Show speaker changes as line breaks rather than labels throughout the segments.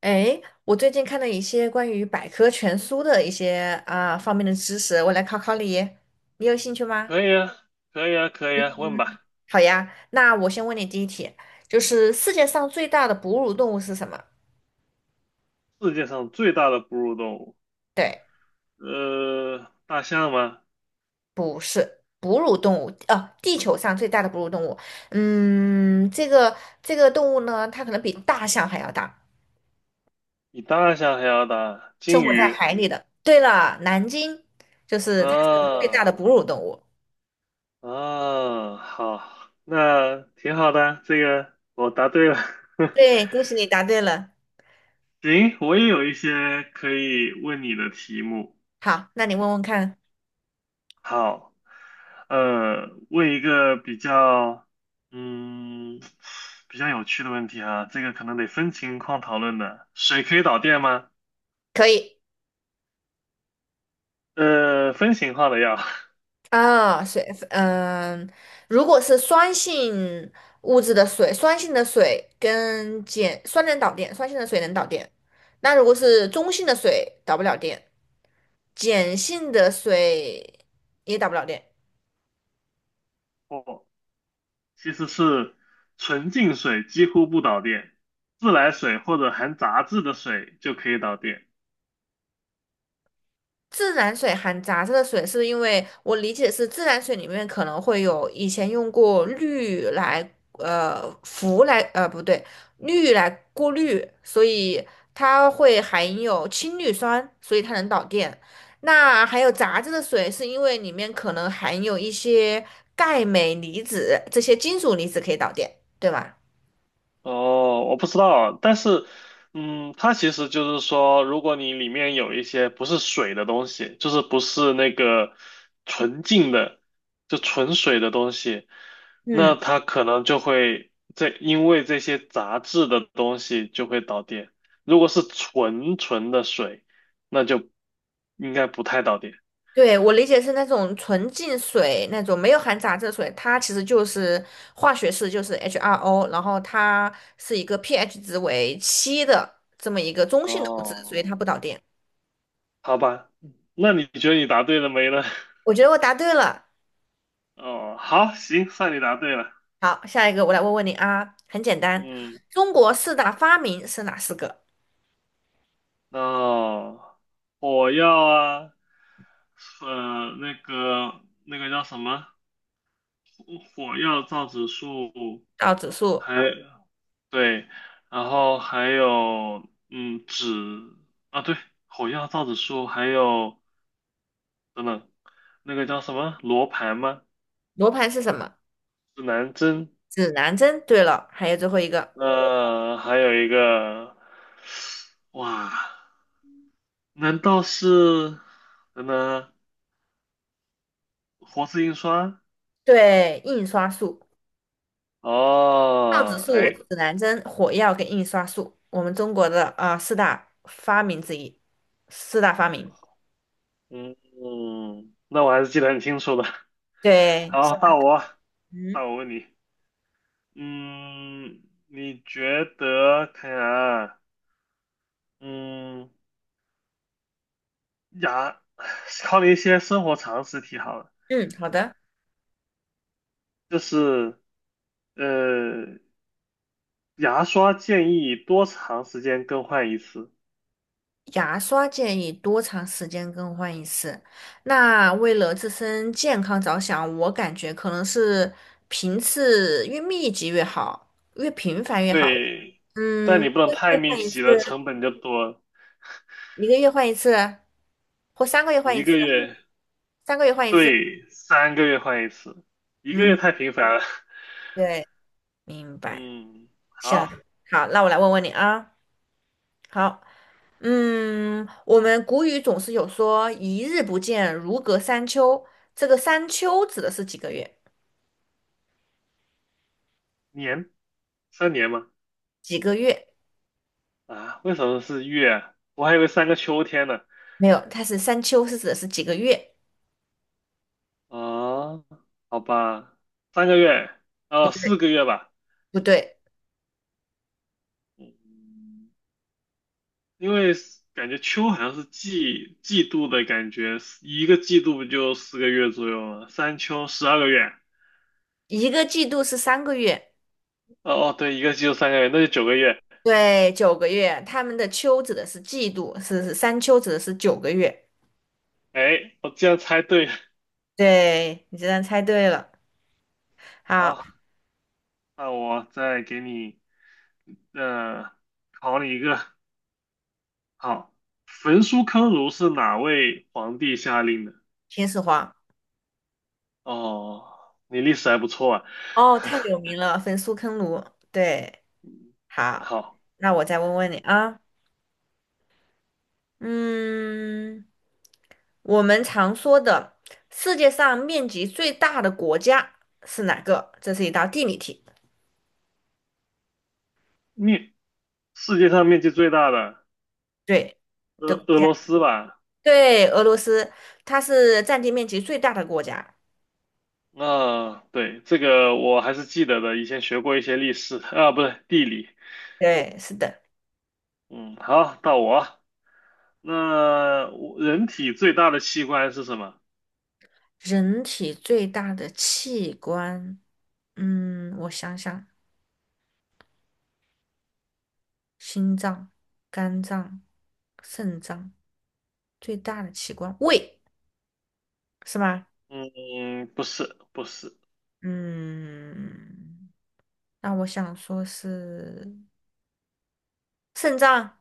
哎，我最近看了一些关于百科全书的一些方面的知识，我来考考你，你有兴趣吗？
可以啊，可以啊，问吧。
好呀，那我先问你第一题，就是世界上最大的哺乳动物是什么？
世界上最大的哺乳动物，
对，
大象吗？
哺乳动物，哦，地球上最大的哺乳动物，嗯，这个动物呢，它可能比大象还要大，
比大象还要大，
生
鲸
活在
鱼。
海里的。对了，南鲸就是它是最大
啊
的哺乳动物。
好，那挺好的，这个我答对了。
对，恭喜你答对了。
行，我也有一些可以问你的题目。
好，那你问问看，
好，呃，问一个比较，嗯，比较有趣的问题啊，这个可能得分情况讨论的。水可以导电吗？
可以。
分型号的药。
啊，水，嗯，如果是酸性物质的水，酸性的水跟碱，酸能导电，酸性的水能导电。那如果是中性的水，导不了电，碱性的水也导不了电。
哦，其实是纯净水几乎不导电，自来水或者含杂质的水就可以导电。
自然水含杂质的水，是因为我理解是自然水里面可能会有以前用过氯来呃氟来呃不对氯来过滤，所以它会含有氢氯酸，所以它能导电。那还有杂质的水，是因为里面可能含有一些钙镁离子，这些金属离子可以导电，对吧？
哦，我不知道，但是，嗯，它其实就是说，如果你里面有一些不是水的东西，就是不是那个纯净的，就纯水的东西，那
嗯，
它可能就会因为这些杂质的东西就会导电。如果是纯纯的水，那就应该不太导电。
对，我理解是那种纯净水，那种没有含杂质的水，它其实就是化学式，就是 H2O，然后它是一个 pH 值为七的这么一个中性的物质，所以
哦，
它不导电。
好吧，那你觉得你答对了没呢？
我觉得我答对了。
哦，好，行，算你答对了。
好，下一个我来问问你啊，很简单，
嗯。
中国四大发明是哪四个？
那火药啊，那个叫什么？火药、造纸术，
倒指数、
还对，然后还有嗯纸啊，对，火药、造纸术，还有等等，那个叫什么罗盘吗？
罗盘是什么？
指南针，
指南针。对了，还有最后一个，
还有一个，哇，难道是等等啊活字印刷？
对，印刷术。造纸
哦，
术、
哎，
指南针、火药跟印刷术，我们中国的啊四大发明之一，四大发明。
嗯，嗯那我还是记得很清楚的。
对，
好，
嗯
到我问你，嗯，你觉得看看啊，嗯，牙，考你一些生活常识题好了，
嗯，好的。
就是呃，牙刷建议多长时间更换一次？
牙刷建议多长时间更换一次？那为了自身健康着想，我感觉可能是频次越密集越好，越频繁越好。
对，但
嗯，一
你不能
个
太
月
密
换一次，
集了，成本就多了。
一个月换一次，或三个月换
一
一次，
个月，
三个月换一次。
对，三个月换一次，一个月
嗯，
太频繁了。
对，明白。
嗯，
行，
好。
好，那我来问问你啊。好，嗯，我们古语总是有说"一日不见，如隔三秋"，这个"三秋"指的是几个月？
年。3年吗？
几个月？
啊，为什么是月啊？我还以为三个秋天呢。
没有，它是"三秋"是指的是几个月？
啊，好吧，三个月，
不
哦，
对，
四个月吧。
不对，
嗯，因为是感觉秋好像是季度的感觉，一个季度不就四个月左右吗？三秋12个月。
一个季度是三个月，
哦哦，对，一个季度三个月，那就9个月。
对，九个月。他们的"秋"指的是季度，是“三秋"指的是九个月。
哎，我竟然猜对了。
对，你竟然猜对了。好，
好，那我再给你，呃，考你一个。好，焚书坑儒是哪位皇帝下令的？
秦始皇，
哦，你历史还不错啊。
哦，太有 名了，焚书坑儒。对，好，
好，
那我再问问你啊。嗯，我们常说的世界上面积最大的国家是哪个？这是一道地理题。
面，世界上面积最大的
对，的国
俄
家，
罗斯吧？
对，俄罗斯，它是占地面积最大的国家。
那、对，这个我还是记得的，以前学过一些历史啊，不对，地理。
对，是的。
嗯，好，到我。那我人体最大的器官是什么？
人体最大的器官，嗯，我想想，心脏、肝脏、肾脏，最大的器官，胃，是吗？
嗯，不是，不是。
嗯，那我想说是。肾脏，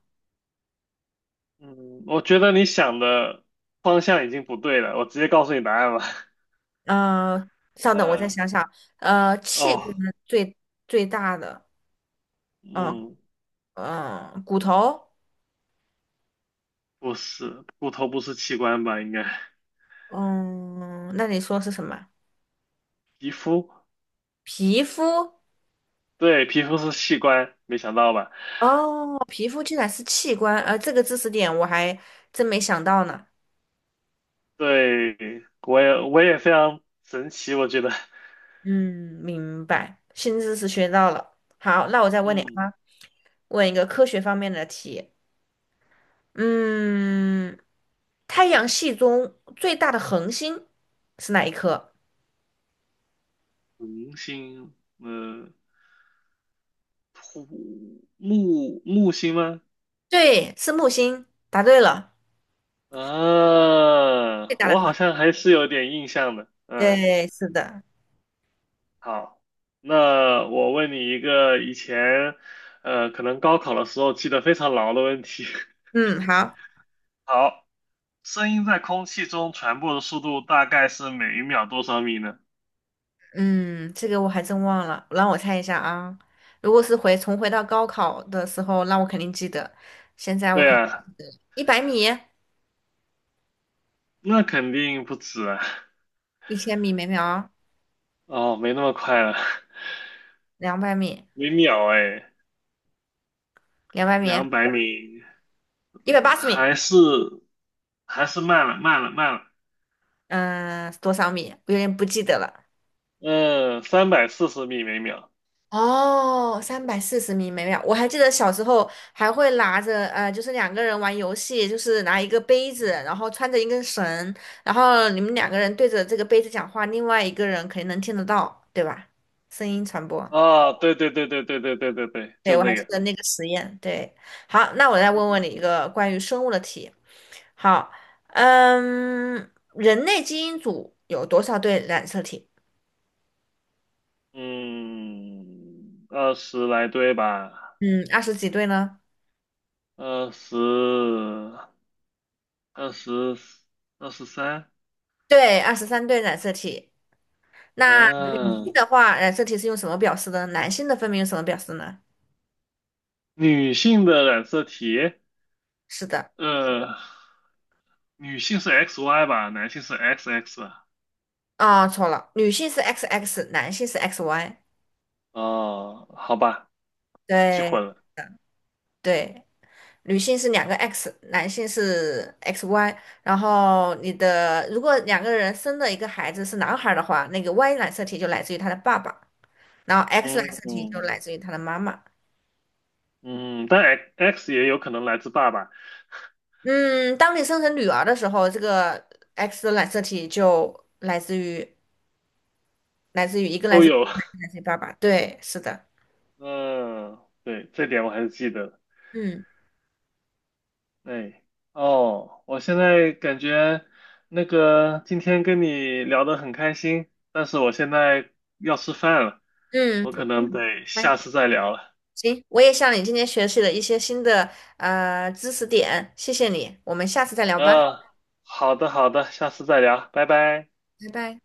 嗯，我觉得你想的方向已经不对了，我直接告诉你答案吧。
呃，稍等，我再
嗯，
想想，器
哦，
官最最大的，嗯、
嗯，
嗯、骨头，
不是，骨头不是器官吧？应该。
嗯，那你说是什么？
皮肤，
皮肤？
对，皮肤是器官，没想到吧？
哦，皮肤竟然是器官，这个知识点我还真没想到呢。
对，我也非常神奇，我觉得，
嗯，明白，新知识学到了。好，那我再问你
嗯，
啊，问一个科学方面的题。嗯，太阳系中最大的恒星是哪一颗？
恒星，嗯土木木星吗？
对，是木星，答对了，最
啊，
大的
我好
河。
像还是有点印象的，嗯，
对，是的，
好，那我问你一个以前，可能高考的时候记得非常牢的问题，
嗯，好，
好，声音在空气中传播的速度大概是每一秒多少米呢？
嗯，这个我还真忘了，让我猜一下啊。如果是重回到高考的时候，那我肯定记得。现在我
对啊。
100米、
那肯定不止啊！
1000米每秒、
哦，没那么快了，
两百米、
每秒哎，
两百米、
200米，
180米，
还是慢了。
嗯、多少米？我有点不记得了。
嗯，340米每秒。
哦，340米每秒，我还记得小时候还会拿着，就是两个人玩游戏，就是拿一个杯子，然后穿着一根绳，然后你们两个人对着这个杯子讲话，另外一个人肯定能听得到，对吧？声音传播，
哦，对对对对对对对对对，
对，
就
我还
这
记
个。
得那个实验。对，好，那我再问问你一个关于生物的题。好，嗯，人类基因组有多少对染色体？
嗯，二十来对吧，
嗯，二十几对呢？
二十，二十，23。
对，23对染色体。那女性
嗯，
的话，染色体是用什么表示的呢？男性的分别用什么表示呢？
女性的染色体，
是的，
呃，女性是 XY 吧，男性是 XX。
啊、错了，女性是 XX，男性是 XY。
哦，好吧，记
对
混了。
对，女性是两个 X，男性是 XY。然后你的如果两个人生的一个孩子是男孩儿的话，那个 Y 染色体就来自于他的爸爸，然后 X
嗯
染色体就
嗯
来自于他的妈妈。
嗯，但 XX 也有可能来自爸爸，
嗯，当你生成女儿的时候，这个 X 的染色体就来自于来自于一个来
都
自于
有。
来自于爸爸，对，是的，
嗯，对，这点我还是记得的。
嗯
哎，哦，我现在感觉那个今天跟你聊得很开心，但是我现在要吃饭了，
嗯，
我
我
可
明
能得
白
下次再聊了。
行，我也向你今天学习了一些新的知识点，谢谢你，我们下次再聊吧，
嗯，好的好的，下次再聊，拜拜。
拜拜。